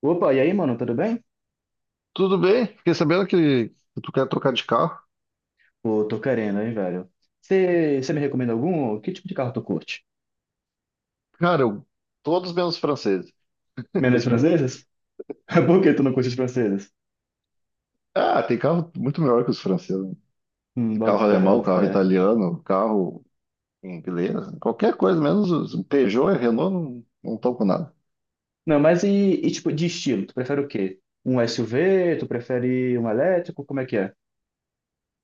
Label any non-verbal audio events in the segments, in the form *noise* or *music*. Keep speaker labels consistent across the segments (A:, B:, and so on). A: Opa, e aí, mano, tudo bem?
B: Tudo bem? Fiquei sabendo que tu quer trocar de carro.
A: Pô, tô querendo, hein, velho. Você me recomenda algum? Que tipo de carro tu curte?
B: Cara, eu- Todos menos franceses.
A: Menos franceses? *laughs* Por que tu não curte os franceses?
B: Ah, tem carro muito melhor que os franceses. Tem
A: Boto
B: carro
A: fé,
B: alemão,
A: boto
B: carro
A: fé.
B: italiano, carro inglês, qualquer coisa, menos os Peugeot e Renault não estão com nada.
A: Não, mas e tipo de estilo? Tu prefere o quê? Um SUV? Tu prefere um elétrico? Como é que é?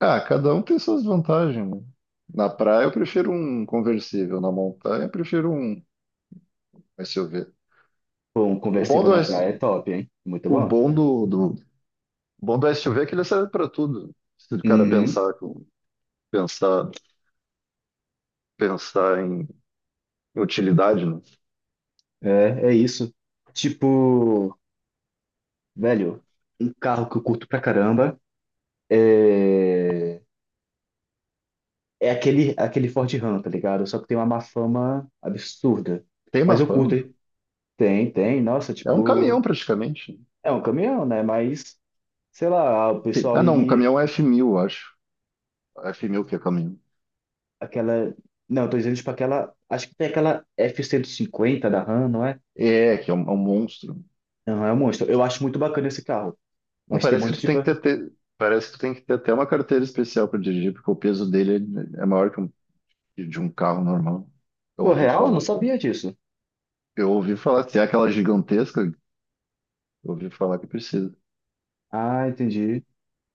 B: Ah, cada um tem suas vantagens, né? Na praia eu prefiro um conversível, na montanha eu prefiro um s u v.
A: Pô, um
B: O bom
A: conversível
B: do,
A: na
B: S-
A: praia é top, hein? Muito
B: o
A: bom.
B: bom do, do, o bom do s SUV é que ele serve para tudo. Se o cara
A: Uhum.
B: pensar, pensar em utilidade, né?
A: É isso. Tipo, velho, um carro que eu curto pra caramba é. É aquele Ford Ram, tá ligado? Só que tem uma má fama absurda.
B: Tem
A: Mas
B: uma
A: eu curto,
B: fama?
A: hein? Tem, tem. Nossa,
B: É um
A: tipo,
B: caminhão praticamente.
A: é um caminhão, né? Mas, sei lá, o pessoal
B: Ah, não, um
A: ia.
B: caminhão é f mil, eu acho. F mil que é caminhão.
A: Aquela. Não, eu tô dizendo, tipo, aquela. Acho que tem aquela f cento e cinquenta da Ram, não é?
B: É, que é é um monstro.
A: Não, é um monstro. Eu acho muito bacana esse carro.
B: Não,
A: Mas tem
B: parece que
A: muito,
B: tu tem
A: tipo.
B: que parece que tu tem que ter até uma carteira especial para dirigir, porque o peso dele é maior que de um carro normal. Eu
A: Pô,
B: ouvi
A: real? Eu não
B: falar.
A: sabia disso.
B: Eu ouvi falar, se é aquela gigantesca, eu ouvi falar que precisa.
A: Ah, entendi.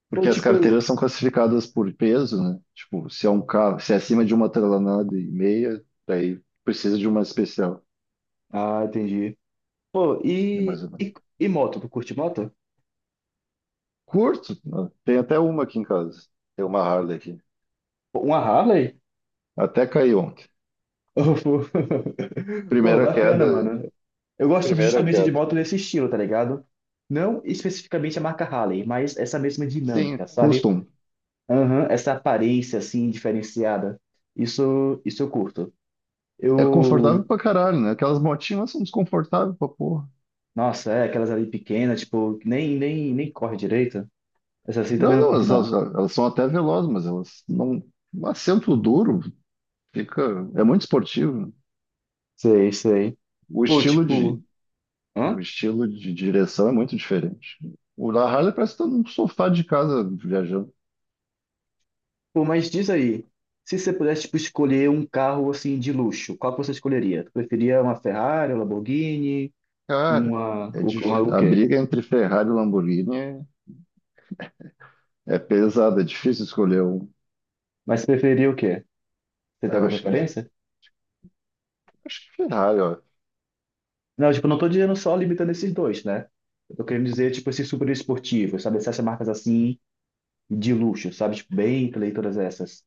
B: Porque
A: Pô,
B: as
A: tipo.
B: carteiras são classificadas por peso, né? Tipo, se é um carro, se é acima de uma tonelada e meia, daí precisa de uma especial.
A: Ah, entendi. Pô,
B: É
A: E,
B: mais ou menos.
A: e moto? Tu curte moto?
B: Curto, né? Tem até uma aqui em casa. Tem uma Harley aqui.
A: Pô, uma Harley?
B: Até caiu ontem.
A: *laughs* Pô,
B: Primeira queda,
A: bacana, mano. Eu gosto
B: primeira
A: justamente de
B: queda.
A: moto nesse estilo, tá ligado? Não especificamente a marca Harley, mas essa mesma
B: Sim,
A: dinâmica, sabe?
B: custom.
A: Aham, essa aparência, assim, diferenciada. Isso eu curto.
B: É
A: Eu,
B: confortável pra caralho, né? Aquelas motinhas elas são desconfortáveis pra porra.
A: nossa, é, aquelas ali pequenas, tipo, que nem corre direito. Essa assim também
B: Não,
A: não
B: não,
A: curto, não.
B: elas são até velozes, mas elas não. Um assento duro fica. É muito esportivo, né?
A: Sei, sei.
B: O
A: Pô,
B: estilo
A: tipo,
B: de, o
A: hã?
B: estilo de direção é muito diferente. O da Harley parece que tá num sofá de casa viajando.
A: Pô, mas diz aí, se você pudesse, tipo, escolher um carro, assim, de luxo, qual que você escolheria? Preferia uma Ferrari, uma Lamborghini?
B: Cara,
A: Uma,
B: é
A: o- uma
B: dif-
A: o
B: a
A: quê?
B: briga entre Ferrari e Lamborghini é. É pesado, é difícil escolher um.
A: Mas você preferia o quê? Você tem
B: Eu
A: alguma
B: acho que,
A: preferência?
B: Acho que Ferrari, ó.
A: Não, tipo, eu não tô dizendo só limitando esses dois, né? Eu tô querendo dizer, tipo, esses super esportivos, sabe? Essas marcas assim, de luxo, sabe? Tipo, Bentley e todas essas.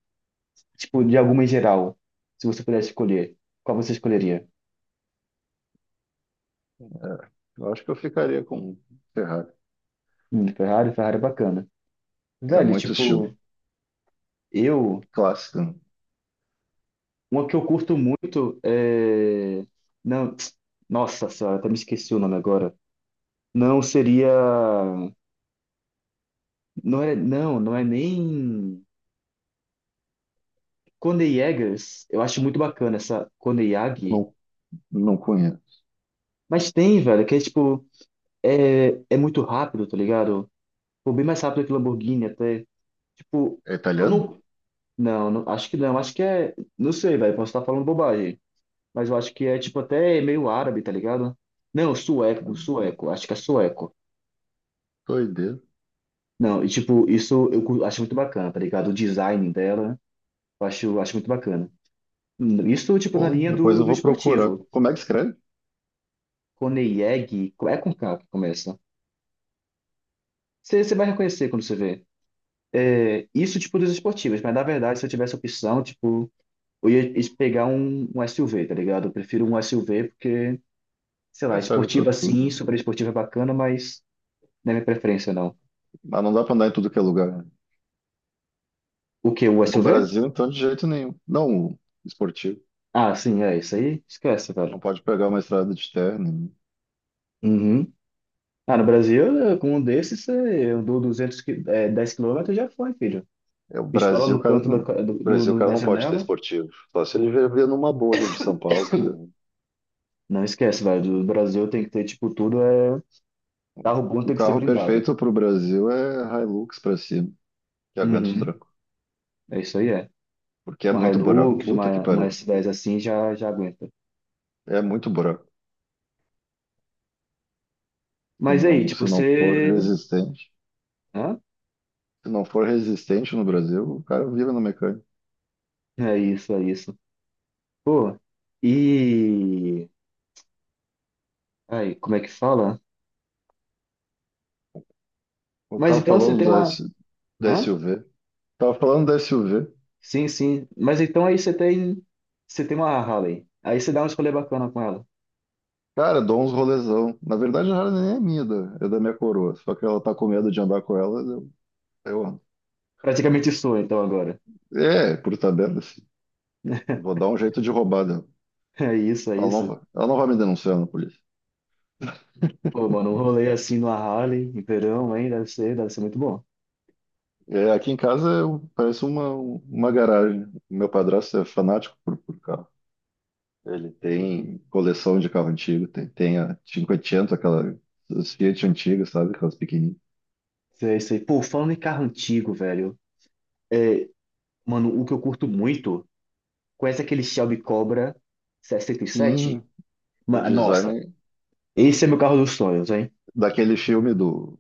A: Tipo, de alguma em geral, se você pudesse escolher, qual você escolheria?
B: Eu acho que eu ficaria com Ferrari.
A: Ferrari, Ferrari é bacana.
B: É
A: Velho,
B: muito estilo.
A: tipo, eu,
B: Clássico, né?
A: uma que eu curto muito é... Não, *tsk* nossa senhora, até me esqueci o nome agora. Não seria... Não é, não, não é nem. Cone Jägers, eu acho muito bacana essa Cone Yagi.
B: Não, não conheço.
A: Mas tem, velho, que é tipo, é muito rápido, tá ligado? Pô, bem mais rápido que Lamborghini até. Tipo,
B: É
A: eu
B: italiano?
A: não. Não, acho que não, acho que é. Não sei, velho, posso estar falando bobagem. Mas eu acho que é, tipo, até meio árabe, tá ligado? Não, sueco, sueco, acho que é sueco.
B: Doideira.
A: Não, e tipo, isso eu acho muito bacana, tá ligado? O design dela, eu acho muito bacana. Isso, tipo, na
B: Bom,
A: linha
B: depois
A: do,
B: eu
A: do
B: vou procurar.
A: esportivo.
B: Como é que escreve?
A: Koneyeg, é com K que começa. Você vai reconhecer quando você vê. É, isso, tipo, dos esportivos, mas na verdade, se eu tivesse opção, tipo, eu ia pegar um SUV, tá ligado? Eu prefiro um SUV porque, sei lá,
B: É, serve para
A: esportiva sim,
B: tudo.
A: super esportiva é bacana, mas não é minha preferência, não.
B: Mas não dá para andar em tudo que é lugar, né?
A: O quê? O
B: No
A: SUV?
B: Brasil, então, de jeito nenhum. Não, o esportivo.
A: Ah, sim, é isso aí. Esquece, velho.
B: Não pode pegar uma estrada de terra. Nenhum.
A: Uhum. Ah, no Brasil, com um desses, é, eu dou 200, é, 10 quilômetros já foi, filho.
B: É o
A: Pistola
B: Brasil, o
A: no
B: cara
A: canto
B: não.
A: da,
B: O
A: do, no,
B: Brasil, o cara
A: na
B: não pode ter
A: janela.
B: esportivo. Só se ele viver numa bolha de São Paulo, né?
A: Não esquece, velho. Do Brasil tem que ter, tipo, tudo é. Carro bom
B: O
A: tem que ser
B: carro
A: blindado.
B: perfeito para o Brasil é Hilux para cima, que aguenta os
A: Uhum.
B: trancos.
A: É isso aí, é.
B: Porque é
A: Uma
B: muito buraco.
A: Hilux,
B: Puta que
A: uma
B: pariu.
A: S10 assim já, já aguenta.
B: É muito buraco.
A: Mas aí, tipo,
B: Se não for
A: você.
B: resistente.
A: Hã?
B: Se não for resistente no Brasil, o cara vive no mecânico.
A: É isso, é isso. Pô, e. Aí, como é que fala?
B: Eu
A: Mas
B: tava
A: então você
B: falando
A: tem
B: do
A: uma.
B: S, da
A: Hã?
B: SUV. Tava falando da SUV.
A: Sim, sim. Mas então aí você tem. Você tem uma Harley. Aí você dá uma escolha bacana com ela.
B: Cara, dou uns rolezão. Na verdade, ela nem é minha, é da minha coroa. Só que ela tá com medo de andar com ela. Eu ando.
A: Praticamente sua, então, agora. *laughs*
B: É, por tabela, assim. Vou dar um jeito de roubar dela.
A: É isso, é isso.
B: Ela não vai me denunciar na polícia.
A: Pô, mano, um rolê assim numa Harley, em verão, hein? Deve ser muito bom.
B: É, aqui em casa eu- parece uma garagem. Meu padrasto é fanático por carro. Ele tem coleção de carro antigo, tem a 500, aquela, os Fiat antigas, sabe? Aquelas pequenininhas.
A: É isso aí. Pô, falando em carro antigo, velho. É, mano, o que eu curto muito. Conhece aquele Shelby Cobra
B: Sim,
A: 67?
B: o
A: Nossa,
B: design
A: esse é meu carro dos sonhos, hein?
B: daquele filme do.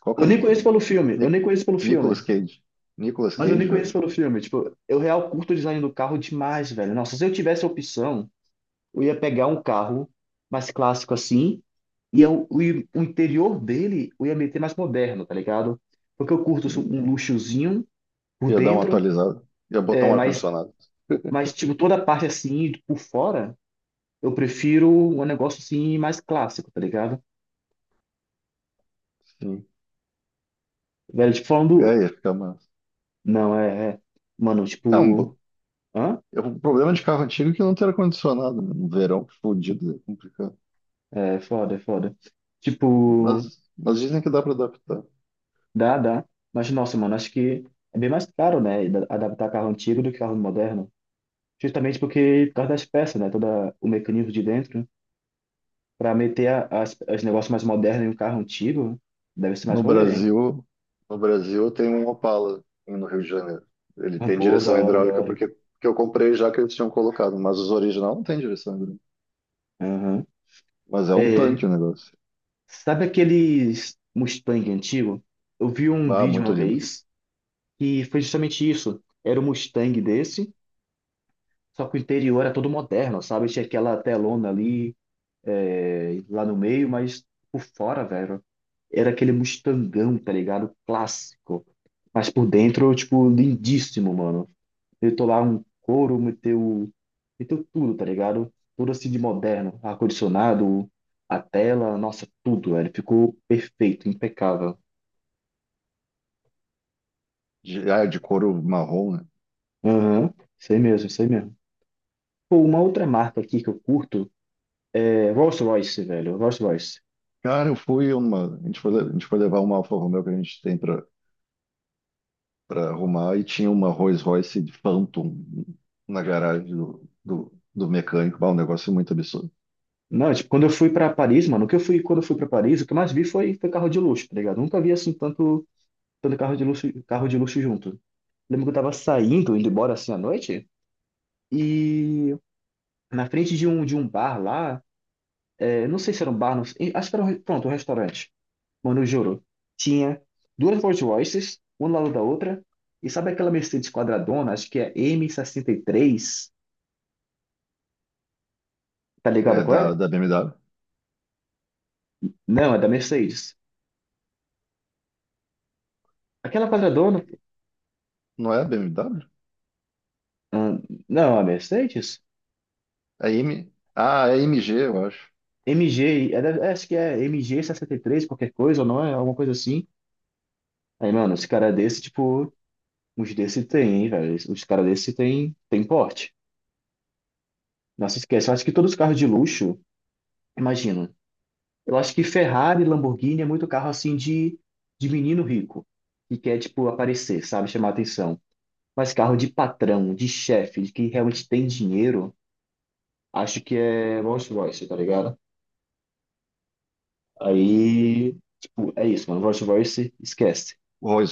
B: Qual que
A: Eu
B: é o
A: nem
B: do.
A: conheço pelo filme, eu nem
B: Ni-
A: conheço pelo
B: Nicolas
A: filme.
B: Cage. Nicolas
A: Mas eu nem
B: Cage, eu
A: conheço
B: acho.
A: pelo filme. Tipo, eu real curto o design do carro demais, velho. Nossa, se eu tivesse a opção, eu ia pegar um carro mais clássico assim, e o interior dele eu ia meter mais moderno, tá ligado? Porque eu curto um luxozinho por
B: Ia dar uma
A: dentro,
B: atualizada. Ia botar
A: é,
B: um
A: mas,
B: ar-condicionado.
A: mas, tipo, toda a parte assim, por fora, eu prefiro um negócio assim mais clássico, tá ligado?
B: Sim.
A: Velho, tipo, falando.
B: É, ia ficar massa.
A: Não, é, é. Mano,
B: É um
A: tipo.
B: bom.
A: Hã?
B: O problema de carro antigo é que não tem ar-condicionado, né? No verão, fodido, é complicado.
A: É foda, é foda. Tipo,
B: Mas dizem que dá para adaptar.
A: dá, dá. Mas, nossa, mano, acho que é bem mais caro, né? Adaptar carro antigo do que carro moderno. Justamente porque, por causa das peças, né? Todo o mecanismo de dentro. Pra meter as, os negócios mais modernos em um carro antigo, deve ser mais
B: No
A: rolê, hein?
B: Brasil, no Brasil tem um Opala no Rio de Janeiro. Ele
A: Ah,
B: tem
A: boa, da
B: direção
A: hora, da
B: hidráulica
A: hora.
B: porque eu comprei já que eles tinham colocado, mas os original não tem direção hidráulica.
A: Aham.
B: Mas é um tanque
A: É,
B: o negócio.
A: sabe aqueles Mustang antigo? Eu vi um
B: Bah,
A: vídeo
B: muito
A: uma
B: lindo.
A: vez. E foi justamente isso. Era um Mustang desse, só que o interior era todo moderno, sabe? Tinha aquela telona ali, é, lá no meio, mas por fora, velho, era aquele Mustangão, tá ligado? Clássico. Mas por dentro, tipo, lindíssimo, mano. Eu tô lá um couro, meteu tudo, tá ligado? Tudo assim de moderno. Ar-condicionado, a tela, nossa, tudo, velho. Ficou perfeito, impecável.
B: De, ah, de couro marrom, né?
A: Aham, sei mesmo, sei mesmo. Pô, uma outra marca aqui que eu curto é, Rolls-Royce, velho, Rolls-Royce.
B: Cara, eu fui uma. A gente foi, a gente foi levar uma Alfa Romeo que a gente tem para arrumar e tinha uma Rolls Royce de Phantom na garagem do mecânico. Bah, um negócio muito absurdo.
A: Não, tipo, quando eu fui pra Paris, mano, o que eu fui, quando eu fui pra Paris, o que eu mais vi foi, carro de luxo, tá ligado? Nunca vi, assim, tanto carro de luxo junto. Lembro que eu tava saindo, indo embora, assim, à noite, e na frente de um bar lá, é, não sei se era um bar, não sei, acho que era pronto, um restaurante. Mano, eu juro, tinha duas Rolls-Royces, uma do lado da outra, e sabe aquela Mercedes quadradona, acho que é m sessenta e três, tá
B: É
A: ligado qual é?
B: da BMW.
A: Não, é da Mercedes. Aquela quadradona.
B: Não é a BMW?
A: Ah, não, a Mercedes?
B: A M... Ah, é M G, eu acho.
A: MG, é, acho que é mg três, qualquer coisa, ou não é? Alguma coisa assim. Aí, mano, esse cara desse, tipo, uns desse tem, hein, velho? Os caras desse tem porte. Nossa, esquece. Eu acho que todos os carros de luxo, imagina. Eu acho que Ferrari, Lamborghini é muito carro, assim, de, menino rico, que quer, tipo, aparecer, sabe? Chamar atenção. Mas carro de patrão, de chefe, de que realmente tem dinheiro, acho que é Rolls Royce, tá ligado? Aí, tipo, é isso, mano. Verse to Verse, esquece.
B: O Rolls